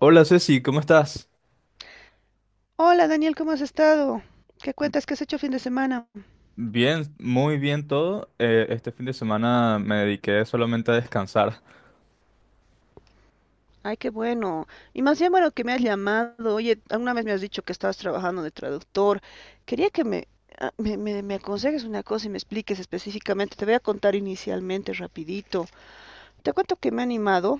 Hola Ceci, ¿cómo estás? Hola Daniel, ¿cómo has estado? ¿Qué cuentas? ¿Qué has hecho fin de semana? Bien, muy bien todo. Este fin de semana me dediqué solamente a descansar. Ay, qué bueno. Y más bien bueno que me has llamado. Oye, alguna vez me has dicho que estabas trabajando de traductor. Quería que me aconsejes una cosa y me expliques específicamente. Te voy a contar inicialmente, rapidito. Te cuento que me he animado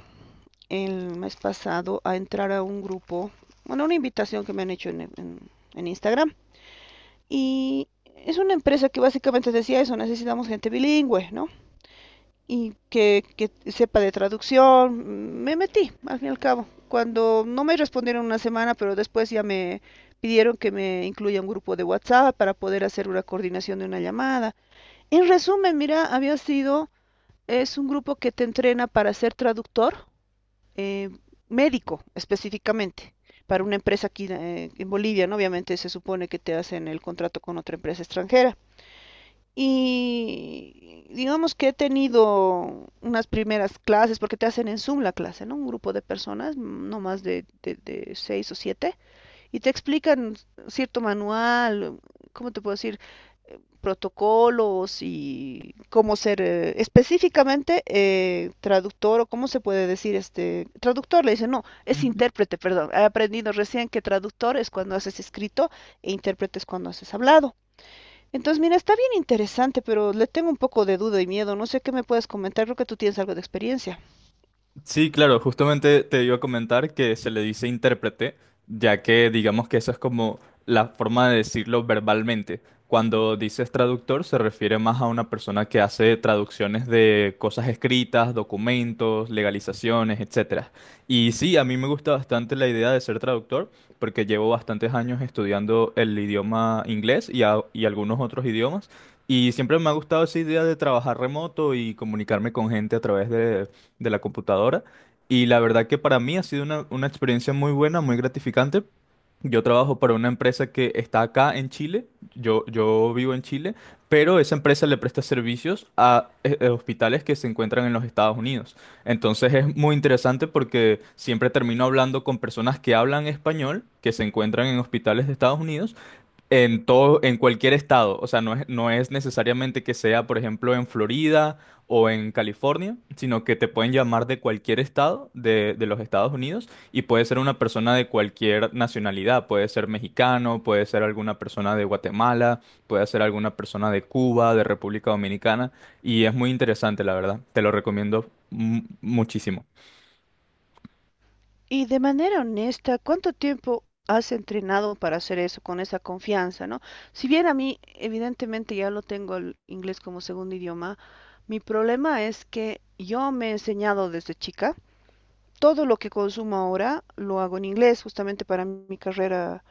el mes pasado a entrar a un grupo, bueno, una invitación que me han hecho en Instagram. Y es una empresa que básicamente decía eso: necesitamos gente bilingüe, ¿no? Y que sepa de traducción. Me metí, al fin y al cabo. Cuando no me respondieron una semana, pero después ya me pidieron que me incluya un grupo de WhatsApp para poder hacer una coordinación de una llamada. En resumen, mira, había sido, es un grupo que te entrena para ser traductor eh, médico específicamente para una empresa aquí en Bolivia, ¿no? Obviamente se supone que te hacen el contrato con otra empresa extranjera. Y digamos que he tenido unas primeras clases, porque te hacen en Zoom la clase, ¿no? Un grupo de personas, no más de seis o siete, y te explican cierto manual. ¿Cómo te puedo decir? Protocolos y cómo ser específicamente traductor, o cómo se puede decir este traductor, le dicen, no, es intérprete, perdón. He aprendido recién que traductor es cuando haces escrito e intérprete es cuando haces hablado. Entonces, mira, está bien interesante, pero le tengo un poco de duda y miedo. No sé qué me puedes comentar, creo que tú tienes algo de experiencia. Sí, claro, justamente te iba a comentar que se le dice intérprete, ya que digamos que eso es como la forma de decirlo verbalmente. Cuando dices traductor se refiere más a una persona que hace traducciones de cosas escritas, documentos, legalizaciones, etcétera. Y sí, a mí me gusta bastante la idea de ser traductor porque llevo bastantes años estudiando el idioma inglés y, y algunos otros idiomas. Y siempre me ha gustado esa idea de trabajar remoto y comunicarme con gente a través de la computadora. Y la verdad que para mí ha sido una experiencia muy buena, muy gratificante. Yo trabajo para una empresa que está acá en Chile, yo vivo en Chile, pero esa empresa le presta servicios a, hospitales que se encuentran en los Estados Unidos. Entonces es muy interesante porque siempre termino hablando con personas que hablan español, que se encuentran en hospitales de Estados Unidos en todo, en cualquier estado. O sea, no es necesariamente que sea, por ejemplo, en Florida o en California, sino que te pueden llamar de cualquier estado de los Estados Unidos y puede ser una persona de cualquier nacionalidad. Puede ser mexicano, puede ser alguna persona de Guatemala, puede ser alguna persona de Cuba, de República Dominicana. Y es muy interesante, la verdad. Te lo recomiendo muchísimo. Y de manera honesta, ¿cuánto tiempo has entrenado para hacer eso con esa confianza? ¿No? Si bien a mí, evidentemente, ya lo tengo el inglés como segundo idioma, mi problema es que yo me he enseñado desde chica. Todo lo que consumo ahora lo hago en inglés, justamente para mi carrera,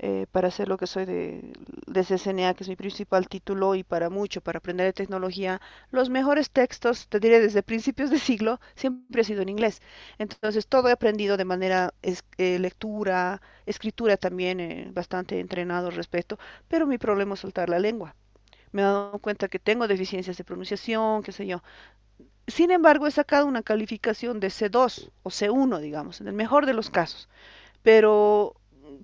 para hacer lo que soy de CCNA, que es mi principal título, y para mucho, para aprender de tecnología. Los mejores textos, te diré, desde principios de siglo, siempre ha sido en inglés. Entonces, todo he aprendido de manera lectura, escritura también, bastante entrenado al respecto, pero mi problema es soltar la lengua. Me he dado cuenta que tengo deficiencias de pronunciación, qué sé yo. Sin embargo, he sacado una calificación de C2 o C1, digamos, en el mejor de los casos. Pero,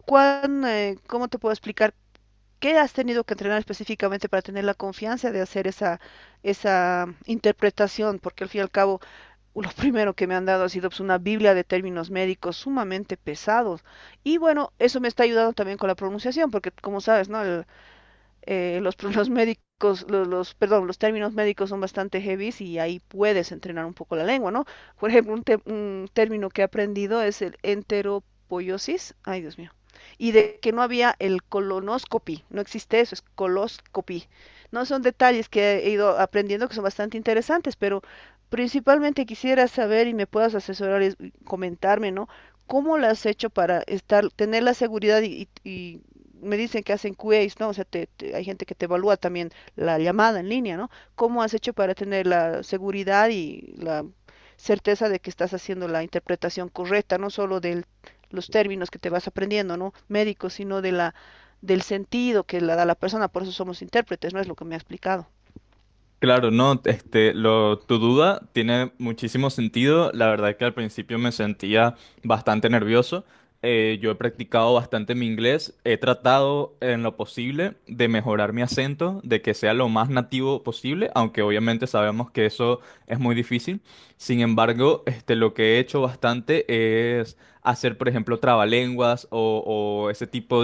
¿cómo te puedo explicar? ¿Qué has tenido que entrenar específicamente para tener la confianza de hacer esa interpretación? Porque al fin y al cabo, lo primero que me han dado ha sido, pues, una Biblia de términos médicos sumamente pesados. Y bueno, eso me está ayudando también con la pronunciación, porque como sabes, ¿no? Los médicos, perdón, los términos médicos son bastante heavy, y ahí puedes entrenar un poco la lengua, ¿no? Por ejemplo, un término que he aprendido es el enteropoiosis, ay Dios mío, y de que no había el colonoscopy, no existe eso, es coloscopy. No son detalles que he ido aprendiendo que son bastante interesantes, pero principalmente quisiera saber y me puedas asesorar y comentarme, ¿no? ¿Cómo lo has hecho para estar, tener la seguridad? Y, y me dicen que hacen QAs, ¿no? O sea, hay gente que te evalúa también la llamada en línea, ¿no? ¿Cómo has hecho para tener la seguridad y la certeza de que estás haciendo la interpretación correcta, no solo de los términos que te vas aprendiendo, ¿no? Médicos, sino del sentido que la da la persona? Por eso somos intérpretes, ¿no? Es lo que me ha explicado. Claro, no, este, lo, tu duda tiene muchísimo sentido. La verdad que al principio me sentía bastante nervioso. Yo he practicado bastante mi inglés. He tratado en lo posible de mejorar mi acento, de que sea lo más nativo posible, aunque obviamente sabemos que eso es muy difícil. Sin embargo, este, lo que he hecho bastante es hacer, por ejemplo, trabalenguas o ese tipo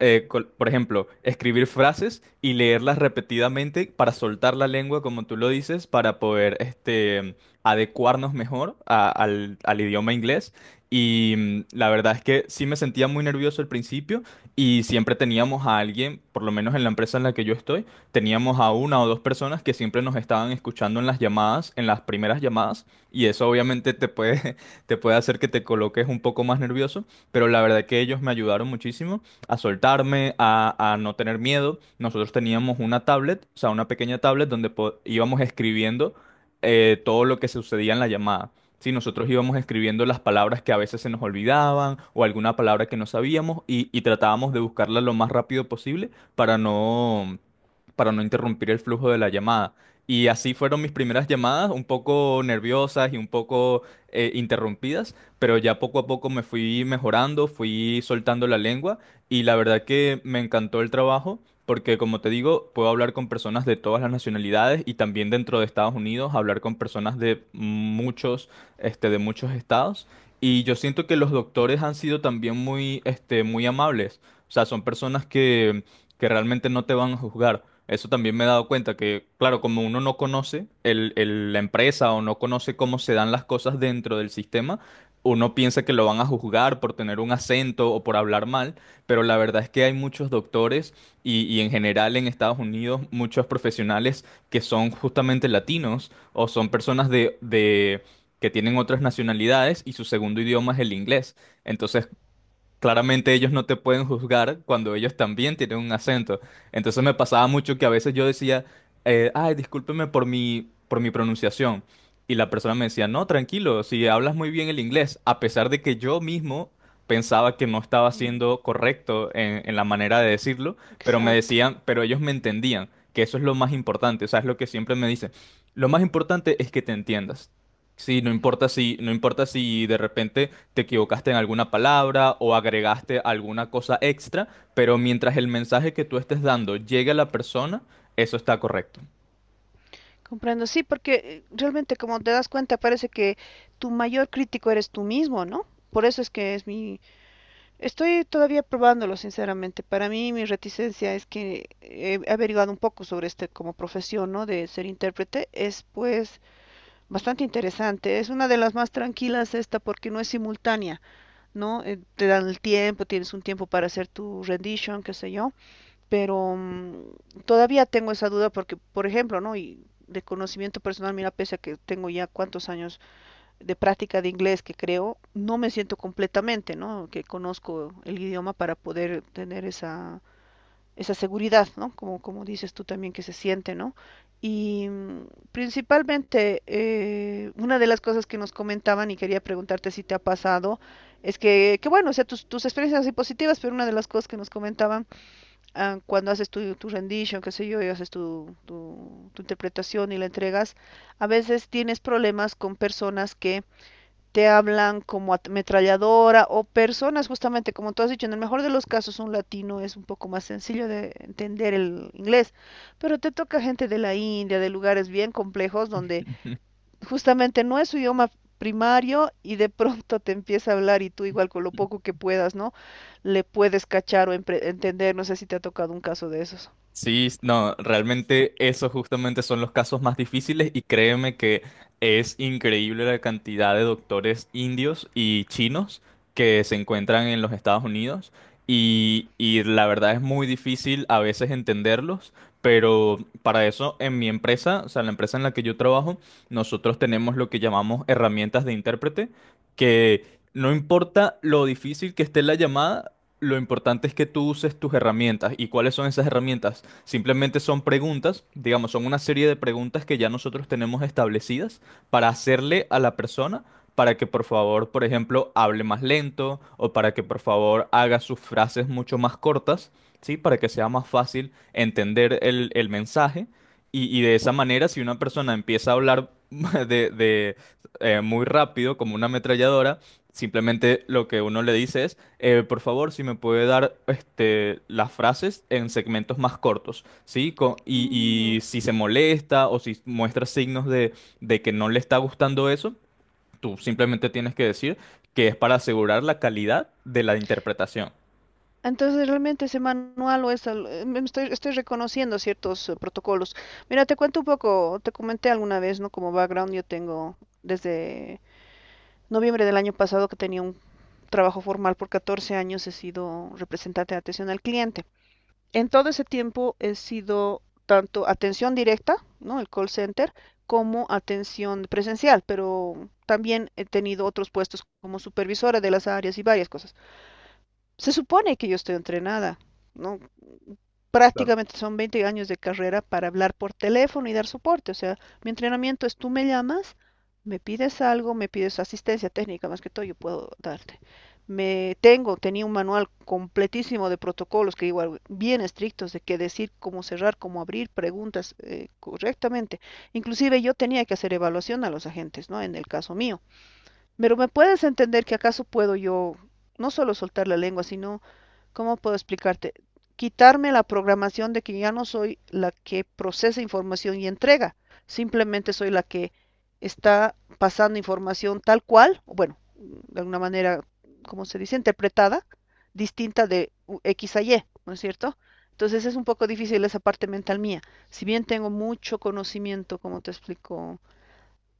por ejemplo, escribir frases y leerlas repetidamente para soltar la lengua, como tú lo dices, para poder este, adecuarnos mejor al, al idioma inglés. Y la verdad es que sí me sentía muy nervioso al principio y siempre teníamos a alguien, por lo menos en la empresa en la que yo estoy, teníamos a una o dos personas que siempre nos estaban escuchando en las llamadas, en las primeras llamadas, y eso obviamente te puede, te puede hacer que te coloques un poco más nervioso, pero la verdad que ellos me ayudaron muchísimo a soltarme, a no tener miedo. Nosotros teníamos una tablet, o sea, una pequeña tablet donde íbamos escribiendo todo lo que sucedía en la llamada. Sí, nosotros íbamos escribiendo las palabras que a veces se nos olvidaban o alguna palabra que no sabíamos y tratábamos de buscarla lo más rápido posible para no interrumpir el flujo de la llamada. Y así fueron mis primeras llamadas, un poco nerviosas y un poco interrumpidas, pero ya poco a poco me fui mejorando, fui soltando la lengua y la verdad que me encantó el trabajo porque, como te digo, puedo hablar con personas de todas las nacionalidades y también dentro de Estados Unidos hablar con personas de muchos, este, de muchos estados. Y yo siento que los doctores han sido también muy, este, muy amables. O sea, son personas que realmente no te van a juzgar. Eso también me he dado cuenta que, claro, como uno no conoce la empresa o no conoce cómo se dan las cosas dentro del sistema, uno piensa que lo van a juzgar por tener un acento o por hablar mal, pero la verdad es que hay muchos doctores y en general en Estados Unidos muchos profesionales que son justamente latinos o son personas que tienen otras nacionalidades y su segundo idioma es el inglés. Entonces, claramente ellos no te pueden juzgar cuando ellos también tienen un acento. Entonces me pasaba mucho que a veces yo decía, ay, discúlpeme por mi pronunciación. Y la persona me decía, no, tranquilo, si hablas muy bien el inglés, a pesar de que yo mismo pensaba que no estaba Mm. siendo correcto en la manera de decirlo, pero me Exacto. decían, pero ellos me entendían, que eso es lo más importante, o sea, es lo que siempre me dicen. Lo más importante es que te entiendas. Sí, no importa si de repente te equivocaste en alguna palabra o agregaste alguna cosa extra, pero mientras el mensaje que tú estés dando llegue a la persona, eso está correcto. Comprendo, sí, porque realmente, como te das cuenta, parece que tu mayor crítico eres tú mismo, ¿no? Por eso es que es mi... Estoy todavía probándolo, sinceramente. Para mí, mi reticencia es que he averiguado un poco sobre este como profesión, ¿no? De ser intérprete. Es, pues, bastante interesante. Es una de las más tranquilas, esta, porque no es simultánea, ¿no? Te dan el tiempo, tienes un tiempo para hacer tu rendition, qué sé yo, pero todavía tengo esa duda porque, por ejemplo, ¿no? Y de conocimiento personal, mira, pese a que tengo ya cuántos años de práctica de inglés que creo, no me siento completamente, ¿no? Que conozco el idioma para poder tener esa seguridad, ¿no? Como, como dices tú también que se siente, ¿no? Y principalmente, una de las cosas que nos comentaban y quería preguntarte si te ha pasado, es que bueno, o sea, tus experiencias han sido positivas, pero una de las cosas que nos comentaban, ah, cuando haces tu rendition, qué sé yo, y haces tu interpretación y la entregas, a veces tienes problemas con personas que te hablan como ametralladora, o personas justamente, como tú has dicho, en el mejor de los casos un latino es un poco más sencillo de entender el inglés, pero te toca gente de la India, de lugares bien complejos donde justamente no es su idioma primario, y de pronto te empieza a hablar y tú igual con lo poco que puedas, ¿no? Le puedes cachar o entender. No sé si te ha tocado un caso de esos. Sí, no, realmente esos justamente son los casos más difíciles y créeme que es increíble la cantidad de doctores indios y chinos que se encuentran en los Estados Unidos y la verdad es muy difícil a veces entenderlos, pero para eso en mi empresa, o sea, la empresa en la que yo trabajo, nosotros tenemos lo que llamamos herramientas de intérprete, que no importa lo difícil que esté la llamada, lo importante es que tú uses tus herramientas. ¿Y cuáles son esas herramientas? Simplemente son preguntas, digamos, son una serie de preguntas que ya nosotros tenemos establecidas para hacerle a la persona para que por favor, por ejemplo, hable más lento o para que por favor haga sus frases mucho más cortas, ¿sí? Para que sea más fácil entender el mensaje. Y de esa manera, si una persona empieza a hablar muy rápido, como una ametralladora, simplemente lo que uno le dice es... Por favor, si me puede dar este, las frases en segmentos más cortos, ¿sí? Mm. Y si se molesta o si muestra signos de que no le está gustando eso, tú simplemente tienes que decir que es para asegurar la calidad de la interpretación. Entonces, realmente ese manual o esa, estoy reconociendo ciertos protocolos. Mira, te cuento un poco, te comenté alguna vez, ¿no? Como background, yo tengo desde noviembre del año pasado que tenía un trabajo formal por 14 años; he sido representante de atención al cliente. En todo ese tiempo he sido tanto atención directa, ¿no? El call center, como atención presencial, pero también he tenido otros puestos como supervisora de las áreas y varias cosas. Se supone que yo estoy entrenada, ¿no? Claro. Prácticamente son 20 años de carrera para hablar por teléfono y dar soporte. O sea, mi entrenamiento es: tú me llamas, me pides algo, me pides asistencia técnica, más que todo yo puedo darte. Tenía un manual completísimo de protocolos, que igual bien estrictos, de qué decir, cómo cerrar, cómo abrir preguntas, correctamente. Inclusive yo tenía que hacer evaluación a los agentes, ¿no? En el caso mío. Pero me puedes entender que acaso puedo yo no solo soltar la lengua, sino... ¿Cómo puedo explicarte? Quitarme la programación de que ya no soy la que procesa información y entrega, simplemente soy la que está pasando información tal cual, bueno, de alguna manera, ¿cómo se dice? Interpretada, distinta de X a Y, ¿no es cierto? Entonces es un poco difícil esa parte mental mía. Si bien tengo mucho conocimiento, como te explico,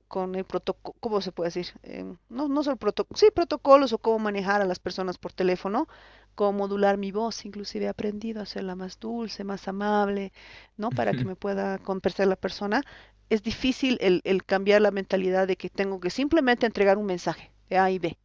con el protocolo, ¿cómo se puede decir? No, no solo protocolo, sí, protocolos, o cómo manejar a las personas por teléfono, cómo modular mi voz, inclusive he aprendido a hacerla más dulce, más amable, ¿no? Para que me pueda conversar la persona. Es difícil el cambiar la mentalidad de que tengo que simplemente entregar un mensaje de A y B,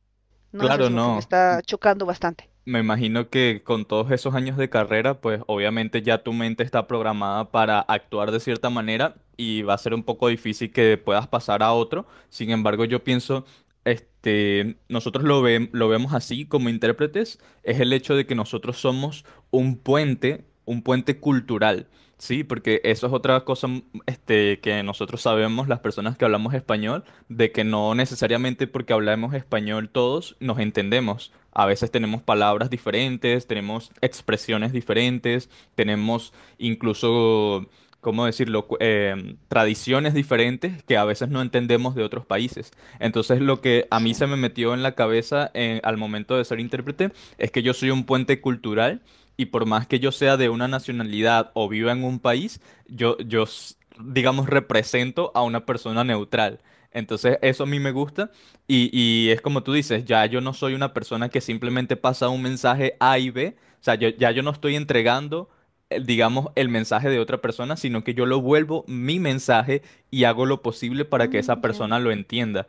¿no? Eso Claro, es lo que me no. está chocando bastante. Me imagino que con todos esos años de carrera, pues obviamente ya tu mente está programada para actuar de cierta manera y va a ser un poco difícil que puedas pasar a otro. Sin embargo, yo pienso, este, nosotros lo vemos así como intérpretes, es el hecho de que nosotros somos un puente cultural, ¿sí? Porque eso es otra cosa, este, que nosotros sabemos, las personas que hablamos español, de que no necesariamente porque hablamos español todos nos entendemos. A veces tenemos palabras diferentes, tenemos expresiones diferentes, tenemos incluso, ¿cómo decirlo?, tradiciones diferentes que a veces no entendemos de otros países. Entonces lo que a mí se me Exacto. metió en la cabeza al momento de ser intérprete es que yo soy un puente cultural y por más que yo sea de una nacionalidad o viva en un país, yo digamos, represento a una persona neutral. Entonces, eso a mí me gusta y es como tú dices, ya yo no soy una persona que simplemente pasa un mensaje A y B, o sea, ya yo no estoy entregando, digamos, el mensaje de otra persona, sino que yo lo vuelvo mi mensaje y hago lo posible para que esa Mm, ya, persona lo entienda.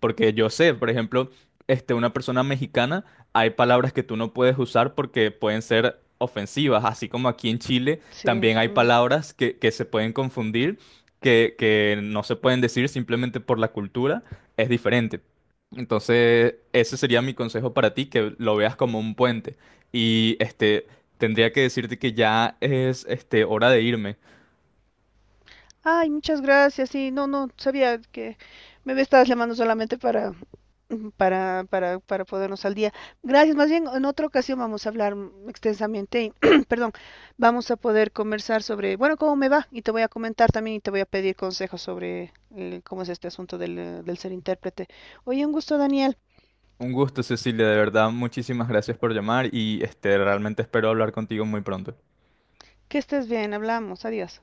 Porque yo sé, por ejemplo, este, una persona mexicana, hay palabras que tú no puedes usar porque pueden ser ofensivas, así como aquí en Chile sí. también hay Mm. palabras que se pueden confundir que no se pueden decir simplemente por la cultura, es diferente. Entonces, ese sería mi consejo para ti, que lo veas como un puente. Y este, tendría que decirte que ya es este, hora de irme. Ay, muchas gracias. Sí, no, no, sabía que me estabas llamando solamente para, podernos al día. Gracias, más bien en otra ocasión vamos a hablar extensamente y, perdón, vamos a poder conversar sobre, bueno, cómo me va, y te voy a comentar también y te voy a pedir consejos sobre cómo es este asunto del ser intérprete. Oye, un gusto, Daniel. Un gusto, Cecilia, de verdad, muchísimas gracias por llamar y este, realmente espero hablar contigo muy pronto. Que estés bien, hablamos, adiós.